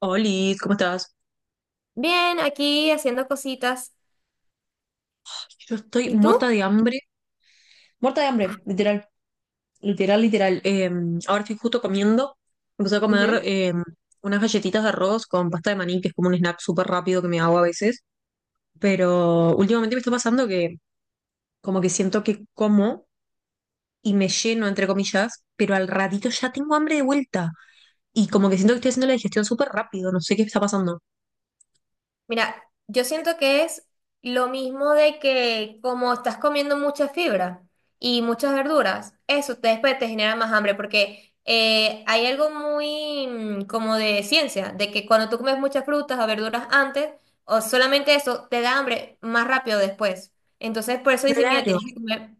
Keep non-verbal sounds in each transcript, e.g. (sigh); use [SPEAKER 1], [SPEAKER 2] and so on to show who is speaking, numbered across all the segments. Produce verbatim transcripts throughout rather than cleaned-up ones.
[SPEAKER 1] Oli, ¿cómo estás?
[SPEAKER 2] Bien, aquí haciendo cositas.
[SPEAKER 1] Yo estoy
[SPEAKER 2] ¿Y
[SPEAKER 1] muerta
[SPEAKER 2] tú?
[SPEAKER 1] de hambre. Muerta de hambre, literal. Literal, literal. Eh, ahora estoy justo comiendo. Empecé a comer
[SPEAKER 2] Ujú.
[SPEAKER 1] eh, unas galletitas de arroz con pasta de maní, que es como un snack súper rápido que me hago a veces. Pero últimamente me está pasando que como que siento que como y me lleno, entre comillas, pero al ratito ya tengo hambre de vuelta. Y como que siento que estoy haciendo la digestión súper rápido. No sé qué está pasando.
[SPEAKER 2] Mira, yo siento que es lo mismo de que como estás comiendo mucha fibra y muchas verduras, eso te, después te genera más hambre porque eh, hay algo muy mm, como de ciencia, de que cuando tú comes muchas frutas o verduras antes, o solamente eso, te da hambre más rápido después. Entonces, por eso dice, mira,
[SPEAKER 1] Claro.
[SPEAKER 2] tienes que comer.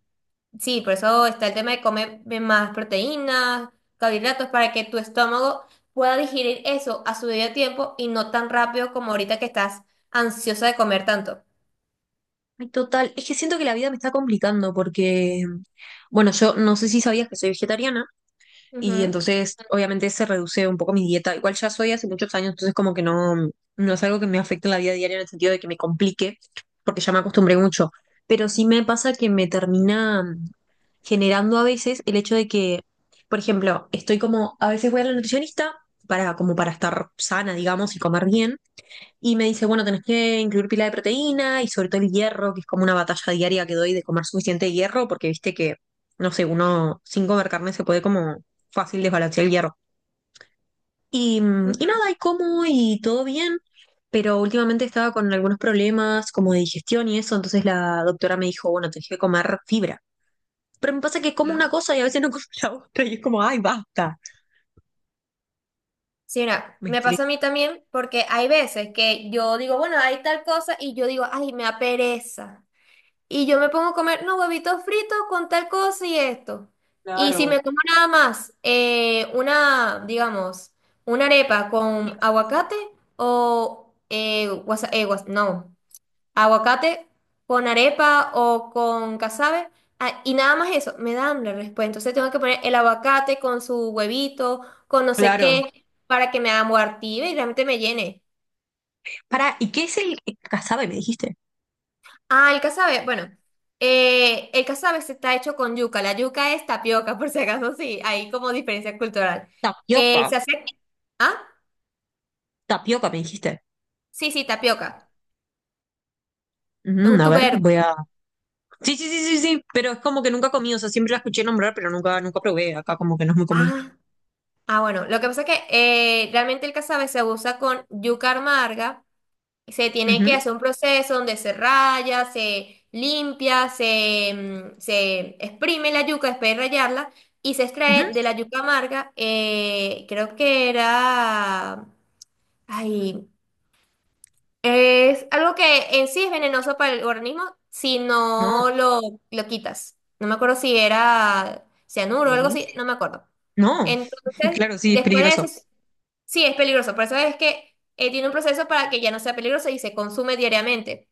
[SPEAKER 2] Sí, por eso está el tema de comer más proteínas, carbohidratos, para que tu estómago pueda digerir eso a su debido tiempo y no tan rápido como ahorita que estás ansiosa de comer tanto.
[SPEAKER 1] Ay, total, es que siento que la vida me está complicando porque, bueno, yo no sé si sabías que soy vegetariana y
[SPEAKER 2] Ujú,
[SPEAKER 1] entonces obviamente se reduce un poco mi dieta. Igual ya soy hace muchos años, entonces como que no, no es algo que me afecte en la vida diaria en el sentido de que me complique, porque ya me acostumbré mucho. Pero sí me pasa que me termina generando a veces el hecho de que, por ejemplo, estoy como, a veces voy a la nutricionista para, como para estar sana, digamos, y comer bien. Y me dice, bueno, tenés que incluir pila de proteína y sobre todo el hierro, que es como una batalla diaria que doy de comer suficiente hierro, porque viste que, no sé, uno sin comer carne se puede como fácil desbalancear el hierro. Y, mm, y nada,
[SPEAKER 2] ujú,
[SPEAKER 1] y como y todo bien, pero últimamente estaba con algunos problemas como de digestión y eso, entonces la doctora me dijo, bueno, tenés que comer fibra. Pero me pasa que como
[SPEAKER 2] claro.
[SPEAKER 1] una cosa y a veces no (laughs) como la otra y es como, ay, basta.
[SPEAKER 2] Sí, mira,
[SPEAKER 1] Me
[SPEAKER 2] me
[SPEAKER 1] estresa.
[SPEAKER 2] pasa a mí también porque hay veces que yo digo, bueno, hay tal cosa y yo digo, ay, me da pereza. Y yo me pongo a comer, no, huevitos fritos con tal cosa y esto. Y si
[SPEAKER 1] Claro,
[SPEAKER 2] me como nada más, eh, una, digamos, una arepa con aguacate o, eh, guasa- eh, guas- no, aguacate con arepa o con casabe, ah, y nada más eso, me dan la respuesta. Entonces tengo que poner el aguacate con su huevito, con no sé
[SPEAKER 1] claro.
[SPEAKER 2] qué, para que me amortive y realmente me llene.
[SPEAKER 1] Para, ¿y qué es el casabe, me dijiste?
[SPEAKER 2] Ah, el casabe, bueno, eh, el casabe se está hecho con yuca, la yuca es tapioca, (laughs) por si acaso, sí, hay como diferencia cultural. Eh,
[SPEAKER 1] Tapioca.
[SPEAKER 2] se hace, ah,
[SPEAKER 1] Tapioca, me dijiste.
[SPEAKER 2] sí, sí, tapioca, es
[SPEAKER 1] Mm,
[SPEAKER 2] un
[SPEAKER 1] a ver,
[SPEAKER 2] tubérculo.
[SPEAKER 1] voy a. Sí, sí, sí, sí, sí, pero es como que nunca comí, o sea, siempre la escuché nombrar, pero nunca, nunca probé. Acá como que no es muy común.
[SPEAKER 2] Ah, ah, bueno, lo que pasa es que eh, realmente el casabe se usa con yuca amarga, se tiene que
[SPEAKER 1] Ujú,
[SPEAKER 2] hacer un proceso donde se raya, se limpia, se, mm, se exprime la yuca después de rayarla y se
[SPEAKER 1] ujú.
[SPEAKER 2] extrae de la yuca amarga, eh, creo que era... Ay, es algo que en sí es venenoso para el organismo si
[SPEAKER 1] No,
[SPEAKER 2] no lo, lo quitas. No me acuerdo si era cianuro o algo
[SPEAKER 1] ok.
[SPEAKER 2] así, no me acuerdo.
[SPEAKER 1] No, (laughs)
[SPEAKER 2] Entonces,
[SPEAKER 1] claro, sí, es
[SPEAKER 2] después de
[SPEAKER 1] peligroso.
[SPEAKER 2] eso, sí es peligroso. Por eso es que eh, tiene un proceso para que ya no sea peligroso y se consume diariamente.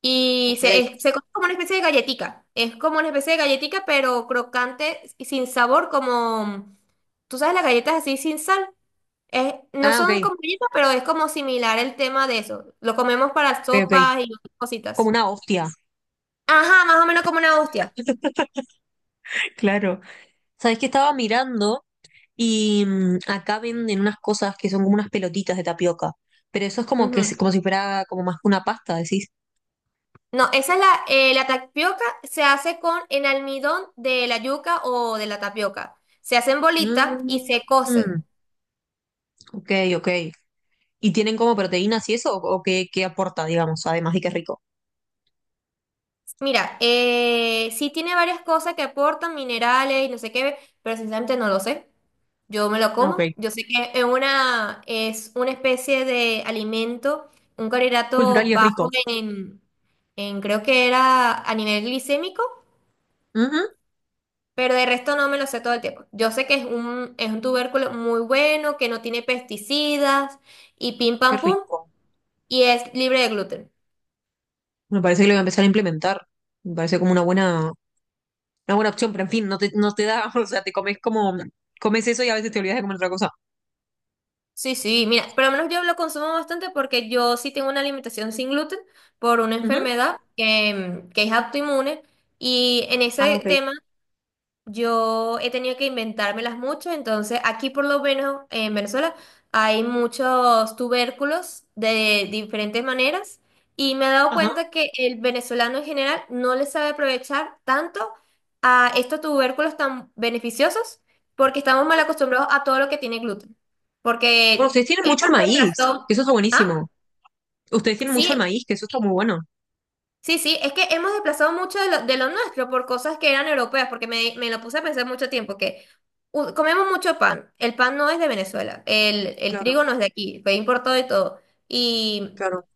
[SPEAKER 2] Y
[SPEAKER 1] Ok.
[SPEAKER 2] se, es- se come como una especie de galletica. Es como una especie de galletica, pero crocante y sin sabor, como, ¿tú sabes las galletas así sin sal? Es, no
[SPEAKER 1] Ah,
[SPEAKER 2] son
[SPEAKER 1] ok,
[SPEAKER 2] como galletas, pero es como similar el tema de eso. Lo comemos para
[SPEAKER 1] ok, ok.
[SPEAKER 2] sopas y otras
[SPEAKER 1] Como
[SPEAKER 2] cositas.
[SPEAKER 1] una hostia.
[SPEAKER 2] Ajá, más o menos como una hostia.
[SPEAKER 1] (laughs) Claro. Sabes que estaba mirando y mm, acá venden unas cosas que son como unas pelotitas de tapioca, pero eso es como que es
[SPEAKER 2] Ujú.
[SPEAKER 1] como si fuera como más que una pasta, decís.
[SPEAKER 2] No, esa es la, eh, la tapioca se hace con el almidón de la yuca o de la tapioca. Se hacen bolitas y
[SPEAKER 1] Mm,
[SPEAKER 2] se
[SPEAKER 1] mm,
[SPEAKER 2] cocen.
[SPEAKER 1] ok, ok. ¿Y tienen como proteínas y eso? ¿O, o qué, qué aporta, digamos, además de que es rico?
[SPEAKER 2] Mira, eh, sí tiene varias cosas que aportan, minerales y no sé qué, pero sinceramente no lo sé. Yo me lo
[SPEAKER 1] Ah, ok,
[SPEAKER 2] como. Yo sé que es una, es una especie de alimento, un
[SPEAKER 1] cultural
[SPEAKER 2] carbohidrato
[SPEAKER 1] y es
[SPEAKER 2] bajo
[SPEAKER 1] rico.
[SPEAKER 2] en, en creo que era a nivel glicémico,
[SPEAKER 1] Ujú.
[SPEAKER 2] pero de resto no me lo sé todo el tiempo. Yo sé que es un, es un tubérculo muy bueno, que no tiene pesticidas y pim
[SPEAKER 1] Qué
[SPEAKER 2] pam pum,
[SPEAKER 1] rico.
[SPEAKER 2] y es libre de gluten.
[SPEAKER 1] Me parece que lo voy a empezar a implementar. Me parece como una buena, una buena opción, pero en fin, no te, no te da, (laughs) o sea, te comes como, comes eso y a veces te olvidas de comer otra cosa.
[SPEAKER 2] Sí, sí, mira, por lo menos yo lo consumo bastante porque yo sí tengo una alimentación sin gluten por una
[SPEAKER 1] Ujú.
[SPEAKER 2] enfermedad que, que es autoinmune y en
[SPEAKER 1] Ah,
[SPEAKER 2] ese
[SPEAKER 1] ok.
[SPEAKER 2] tema yo he tenido que inventármelas mucho, entonces aquí por lo menos en Venezuela hay muchos tubérculos de diferentes maneras y me he dado
[SPEAKER 1] Ajá.
[SPEAKER 2] cuenta que el venezolano en general no le sabe aprovechar tanto a estos tubérculos tan beneficiosos porque estamos mal acostumbrados a todo lo que tiene gluten.
[SPEAKER 1] Bueno,
[SPEAKER 2] Porque
[SPEAKER 1] ustedes tienen
[SPEAKER 2] hemos
[SPEAKER 1] mucho el maíz, que
[SPEAKER 2] reemplazado...
[SPEAKER 1] eso está
[SPEAKER 2] ¿Ah?
[SPEAKER 1] buenísimo. Ustedes tienen mucho el
[SPEAKER 2] Sí,
[SPEAKER 1] maíz, que eso está muy bueno.
[SPEAKER 2] sí, sí, es que hemos desplazado mucho de lo, de lo nuestro por cosas que eran europeas, porque me, me lo puse a pensar mucho tiempo, que u- comemos mucho pan, el pan no es de Venezuela, el, el
[SPEAKER 1] Claro,
[SPEAKER 2] trigo no es de aquí, fue importado y todo. Y
[SPEAKER 1] claro.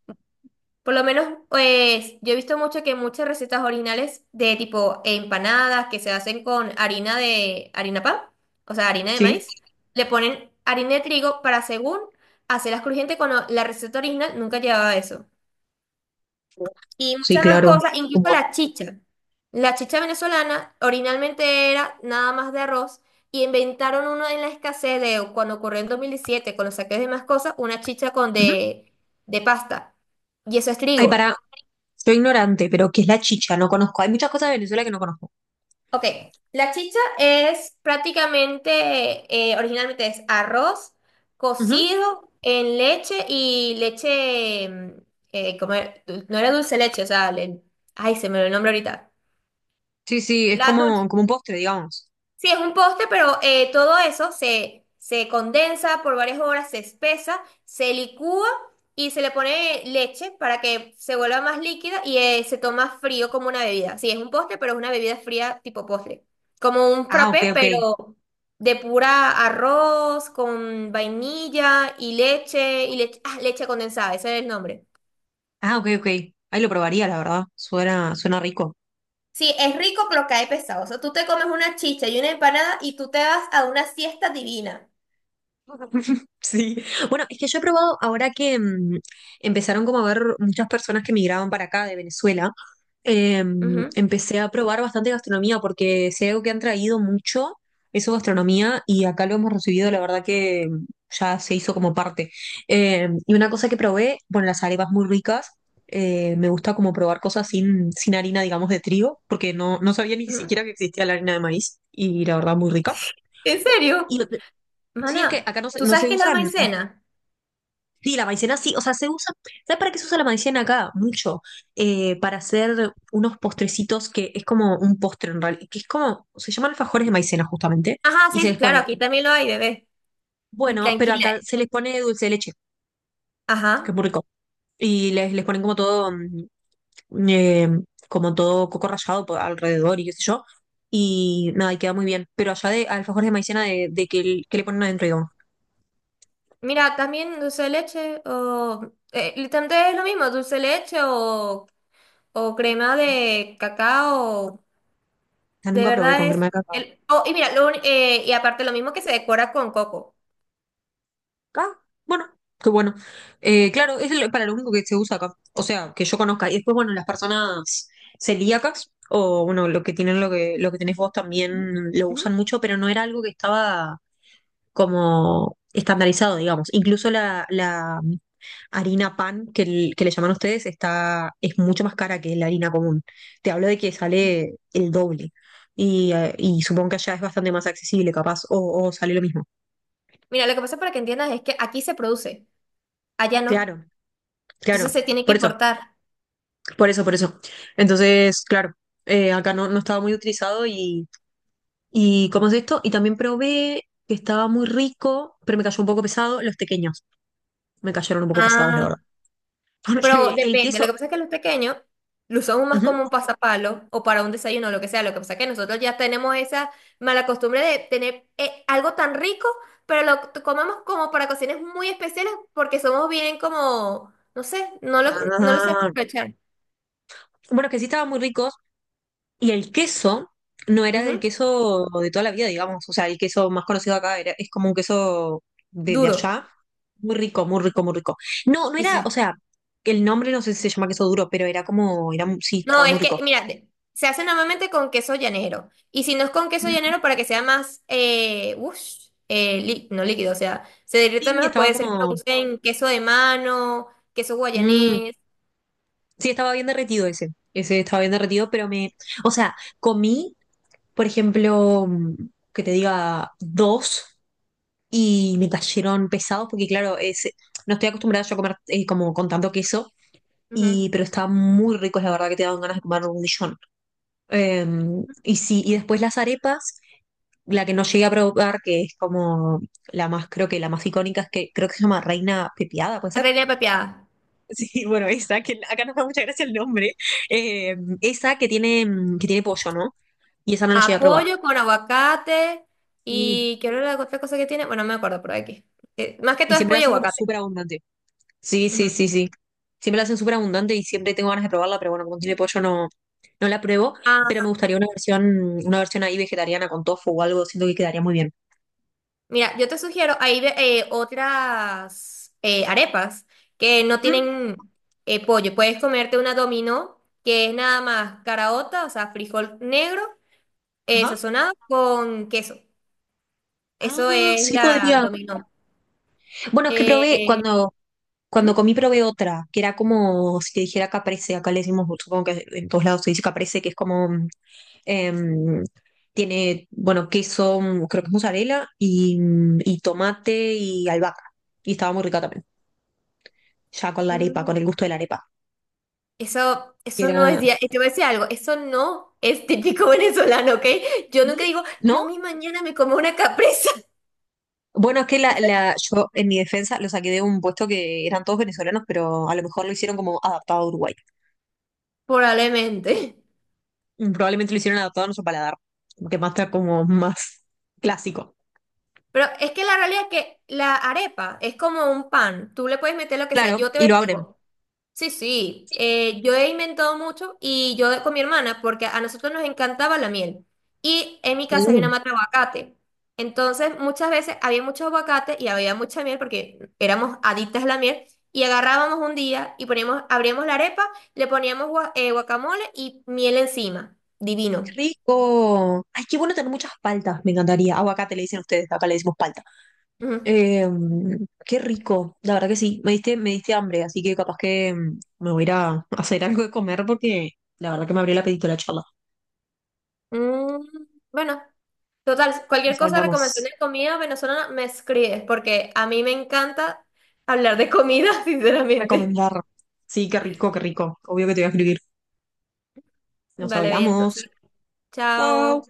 [SPEAKER 2] por lo menos, pues yo he visto mucho que muchas recetas originales de tipo empanadas que se hacen con harina de harina pan, o sea, harina de
[SPEAKER 1] Sí.
[SPEAKER 2] maíz, le ponen harina de trigo para según hacerlas crujientes cuando la receta original nunca llevaba eso. Y
[SPEAKER 1] Sí,
[SPEAKER 2] muchas más
[SPEAKER 1] claro.
[SPEAKER 2] cosas, incluso
[SPEAKER 1] Como...
[SPEAKER 2] la chicha. La chicha venezolana originalmente era nada más de arroz y inventaron uno en la escasez de cuando ocurrió en dos mil diecisiete con los saques de más cosas, una chicha con
[SPEAKER 1] Ujú.
[SPEAKER 2] de, de pasta. Y eso es
[SPEAKER 1] Ay,
[SPEAKER 2] trigo.
[SPEAKER 1] para, soy ignorante, pero ¿qué es la chicha? No conozco. Hay muchas cosas de Venezuela que no conozco.
[SPEAKER 2] Ok, la chicha es prácticamente, eh, originalmente es arroz
[SPEAKER 1] Ujú.
[SPEAKER 2] cocido en leche y leche, mm, eh, como era- du- no era dulce leche, o sea, le- ay, se me olvidó el nombre ahorita.
[SPEAKER 1] Sí, sí, es
[SPEAKER 2] La
[SPEAKER 1] como, como un postre, digamos.
[SPEAKER 2] Sí, es un poste, pero eh, todo eso se, se condensa por varias horas, se espesa, se licúa y se le pone leche para que se vuelva más líquida y eh, se toma frío como una bebida. Sí, es un poste, pero es una bebida fría tipo postre. Como un
[SPEAKER 1] Ah, ok,
[SPEAKER 2] frappé,
[SPEAKER 1] ok.
[SPEAKER 2] pero de pura arroz con vainilla y leche y leche, ah, leche condensada, ese es el nombre.
[SPEAKER 1] Ah, ok, ok. Ahí lo probaría, la verdad. Suena, suena rico.
[SPEAKER 2] Sí, es rico, pero cae pesado. O sea, tú te comes una chicha y una empanada y tú te vas a una siesta divina.
[SPEAKER 1] (laughs) Sí, bueno, es que yo he probado ahora que mm, empezaron como a ver muchas personas que migraban para acá de Venezuela, eh,
[SPEAKER 2] Ujú,
[SPEAKER 1] empecé a probar bastante gastronomía porque sé algo que han traído mucho eso gastronomía y acá lo hemos recibido, la verdad que mm, ya se hizo como parte. Eh, y una cosa que probé, bueno, las arepas muy ricas, eh, me gusta como probar cosas sin, sin harina, digamos, de trigo, porque no, no sabía ni
[SPEAKER 2] ujú.
[SPEAKER 1] siquiera que existía la harina de maíz y la verdad muy rica.
[SPEAKER 2] ¿En
[SPEAKER 1] Y
[SPEAKER 2] serio?
[SPEAKER 1] lo que- sí, es que
[SPEAKER 2] Mana,
[SPEAKER 1] acá no se,
[SPEAKER 2] ¿tú
[SPEAKER 1] no
[SPEAKER 2] sabes
[SPEAKER 1] se
[SPEAKER 2] qué es la
[SPEAKER 1] usan.
[SPEAKER 2] maicena?
[SPEAKER 1] Sí, la maicena sí, o sea, se usa, ¿sabes para qué se usa la maicena acá? Mucho, eh, para hacer unos postrecitos que es como un postre en realidad, que es como, se llaman alfajores de maicena justamente,
[SPEAKER 2] Ajá,
[SPEAKER 1] y se
[SPEAKER 2] sí,
[SPEAKER 1] les
[SPEAKER 2] claro,
[SPEAKER 1] pone,
[SPEAKER 2] aquí también lo hay, bebé.
[SPEAKER 1] bueno, pero
[SPEAKER 2] Tranquila.
[SPEAKER 1] acá se les pone dulce de leche, que es
[SPEAKER 2] Ajá.
[SPEAKER 1] muy rico, y les, les ponen como todo, mm, eh, como todo coco rallado por alrededor y qué sé yo, y nada, y queda muy bien, pero allá de alfajores de maicena de, de que, el- que le ponen adentro, digamos,
[SPEAKER 2] Mira, también dulce de leche o... eh, literalmente es lo mismo, dulce de leche o, o crema de cacao.
[SPEAKER 1] o sea,
[SPEAKER 2] De
[SPEAKER 1] nunca probé
[SPEAKER 2] verdad
[SPEAKER 1] con crema
[SPEAKER 2] es...
[SPEAKER 1] de cacao.
[SPEAKER 2] El, oh, y mira, lo uni- eh, y aparte lo mismo que se decora con coco.
[SPEAKER 1] Ah, bueno, qué bueno. Eh, claro, es el- para lo único que se usa acá. O sea, que yo conozca. Y después, bueno, las personas celíacas, o bueno, lo que tienen lo que, lo que tenés vos también lo
[SPEAKER 2] Ujú,
[SPEAKER 1] usan mucho, pero no era algo que estaba como estandarizado, digamos. Incluso la, la harina pan que, l- que le llaman ustedes está, es mucho más cara que la harina común. Te hablo de que
[SPEAKER 2] ujú.
[SPEAKER 1] sale el doble. Y, eh, y supongo que allá es bastante más accesible, capaz, o o sale lo mismo.
[SPEAKER 2] Mira, lo que pasa para que entiendas es que aquí se produce, allá no.
[SPEAKER 1] Claro,
[SPEAKER 2] Entonces
[SPEAKER 1] claro.
[SPEAKER 2] se tiene que
[SPEAKER 1] Por eso.
[SPEAKER 2] importar.
[SPEAKER 1] Por eso, por eso. Entonces, claro, eh, acá no, no estaba muy utilizado y, y ¿cómo es esto? Y también probé que estaba muy rico, pero me cayó un poco pesado. Los pequeños me cayeron un poco pesados, la
[SPEAKER 2] Ah,
[SPEAKER 1] verdad. (laughs)
[SPEAKER 2] pero
[SPEAKER 1] Porque el
[SPEAKER 2] depende, lo
[SPEAKER 1] queso...
[SPEAKER 2] que pasa es que los pequeños lo usamos más
[SPEAKER 1] Ujú.
[SPEAKER 2] como un pasapalo o para un desayuno, lo que sea. Lo que pasa es que nosotros ya tenemos esa mala costumbre de tener eh, algo tan rico, pero lo t- comemos como para ocasiones muy especiales porque somos bien como, no sé, no lo, no lo sabemos
[SPEAKER 1] Ah,
[SPEAKER 2] aprovechar.
[SPEAKER 1] bueno, que sí estaban muy ricos y el queso no era del
[SPEAKER 2] Ujú.
[SPEAKER 1] queso de toda la vida, digamos. O sea, el queso más conocido acá era, es como un queso de, de
[SPEAKER 2] Duro.
[SPEAKER 1] allá. Muy rico, muy rico, muy rico. No, no
[SPEAKER 2] Sí,
[SPEAKER 1] era, o
[SPEAKER 2] sí.
[SPEAKER 1] sea, el nombre no sé si se llama queso duro, pero era como, era, sí,
[SPEAKER 2] No,
[SPEAKER 1] estaba muy
[SPEAKER 2] es que,
[SPEAKER 1] rico.
[SPEAKER 2] mira, de- se hace normalmente con queso llanero. Y si no es con queso llanero, para que sea más, eh, ush, eh, lí- no líquido, o sea, se derrita
[SPEAKER 1] Sí,
[SPEAKER 2] mejor,
[SPEAKER 1] estaba
[SPEAKER 2] puede ser que lo
[SPEAKER 1] como.
[SPEAKER 2] usen queso de mano, queso
[SPEAKER 1] Mm,
[SPEAKER 2] guayanés,
[SPEAKER 1] sí, estaba bien derretido ese. Ese estaba bien derretido, pero me. O sea, comí, por ejemplo, mm, que te diga dos y me cayeron pesados, porque claro, es, no estoy acostumbrada yo a comer eh, como con tanto queso,
[SPEAKER 2] ujú.
[SPEAKER 1] y, pero estaban muy ricos, la verdad que te daban ganas de comer un millón. Eh, y sí, y después las arepas, la que no llegué a probar, que es como la más, creo que la más icónica, es que creo que se llama Reina Pepiada, ¿puede ser?
[SPEAKER 2] Reina pepiada.
[SPEAKER 1] Sí, bueno, esa, que acá nos da mucha gracia el nombre. Eh, esa que tiene, mm, que tiene pollo, ¿no? Y esa no la llegué a probar.
[SPEAKER 2] Apoyo con aguacate
[SPEAKER 1] Y,
[SPEAKER 2] y quiero la otra cosa que tiene, bueno, no me acuerdo, pero aquí. Eh, más que
[SPEAKER 1] y
[SPEAKER 2] todo es
[SPEAKER 1] siempre la
[SPEAKER 2] pollo y
[SPEAKER 1] hacen como
[SPEAKER 2] aguacate.
[SPEAKER 1] súper abundante. Sí, sí,
[SPEAKER 2] Ujú.
[SPEAKER 1] sí, sí. Siempre la hacen súper abundante y siempre tengo ganas de probarla, pero bueno, como tiene pollo no, no la pruebo.
[SPEAKER 2] Ah,
[SPEAKER 1] Pero me gustaría una versión, una versión ahí vegetariana con tofu o algo, siento que quedaría muy bien.
[SPEAKER 2] mira, yo te sugiero, hay ve- eh, otras eh, arepas que no
[SPEAKER 1] Ujú.
[SPEAKER 2] tienen eh, pollo. Puedes comerte una dominó, que es nada más caraota, o sea, frijol negro eh,
[SPEAKER 1] Ajá.
[SPEAKER 2] sazonado con queso. Eso
[SPEAKER 1] Ah,
[SPEAKER 2] es
[SPEAKER 1] sí
[SPEAKER 2] la
[SPEAKER 1] podría.
[SPEAKER 2] dominó.
[SPEAKER 1] Bueno, es que probé,
[SPEAKER 2] Eh,
[SPEAKER 1] cuando, cuando
[SPEAKER 2] ujú,
[SPEAKER 1] comí probé otra, que era como si te dijera caprese, acá le decimos, supongo que en todos lados se dice caprese, que es como mm, Em, tiene, bueno, queso, mm, creo que es mozzarella, y, mm, y tomate y albahaca. Y estaba muy rica también, ya con la arepa, con
[SPEAKER 2] mm,
[SPEAKER 1] el gusto de la arepa.
[SPEAKER 2] eso,
[SPEAKER 1] Y
[SPEAKER 2] eso no es,
[SPEAKER 1] era...
[SPEAKER 2] dia- eh, te voy a decir algo, eso no es típico (laughs) venezolano, ¿ok? Yo
[SPEAKER 1] ¿Sí?
[SPEAKER 2] nunca digo,
[SPEAKER 1] ¿No?
[SPEAKER 2] yo mi mañana me como una capresa,
[SPEAKER 1] Bueno, es que la, la, yo en mi defensa lo saqué de un puesto que eran todos venezolanos, pero a lo mejor lo hicieron como adaptado a Uruguay.
[SPEAKER 2] (laughs) probablemente.
[SPEAKER 1] Mm, probablemente lo hicieron adaptado a nuestro paladar, que más está como más clásico.
[SPEAKER 2] Pero es que la realidad es que la arepa es como un pan. Tú le puedes meter lo que sea.
[SPEAKER 1] Claro,
[SPEAKER 2] Yo
[SPEAKER 1] y
[SPEAKER 2] te
[SPEAKER 1] lo abren.
[SPEAKER 2] digo, sí, sí. Eh, yo he inventado mucho y yo con mi hermana, porque a nosotros nos encantaba la miel. Y en mi casa había
[SPEAKER 1] Uh,
[SPEAKER 2] una mata de aguacate. Entonces, muchas veces había mucho aguacate y había mucha miel porque éramos adictas a la miel. Y agarrábamos un día y poníamos, abríamos la arepa, le poníamos gua- eh, guacamole y miel encima.
[SPEAKER 1] ¡Qué
[SPEAKER 2] Divino.
[SPEAKER 1] rico! Ay, qué bueno tener muchas paltas, me encantaría. Aguacate le dicen ustedes, acá le decimos palta.
[SPEAKER 2] Ujú.
[SPEAKER 1] Eh, qué rico, la verdad que sí, me diste, me diste hambre, así que capaz que mm, me voy a ir a hacer algo de comer porque la verdad que me abrió el apetito la charla.
[SPEAKER 2] Mm, bueno. Total, cualquier
[SPEAKER 1] Nos
[SPEAKER 2] cosa, recomendación
[SPEAKER 1] hablamos.
[SPEAKER 2] de comida venezolana, me escribes, porque a mí me encanta hablar de comida, (laughs) sinceramente.
[SPEAKER 1] Recomendar. Sí, qué rico, qué rico. Obvio que te voy a escribir. Nos
[SPEAKER 2] Vale, bien,
[SPEAKER 1] hablamos.
[SPEAKER 2] entonces,
[SPEAKER 1] Chao.
[SPEAKER 2] chao.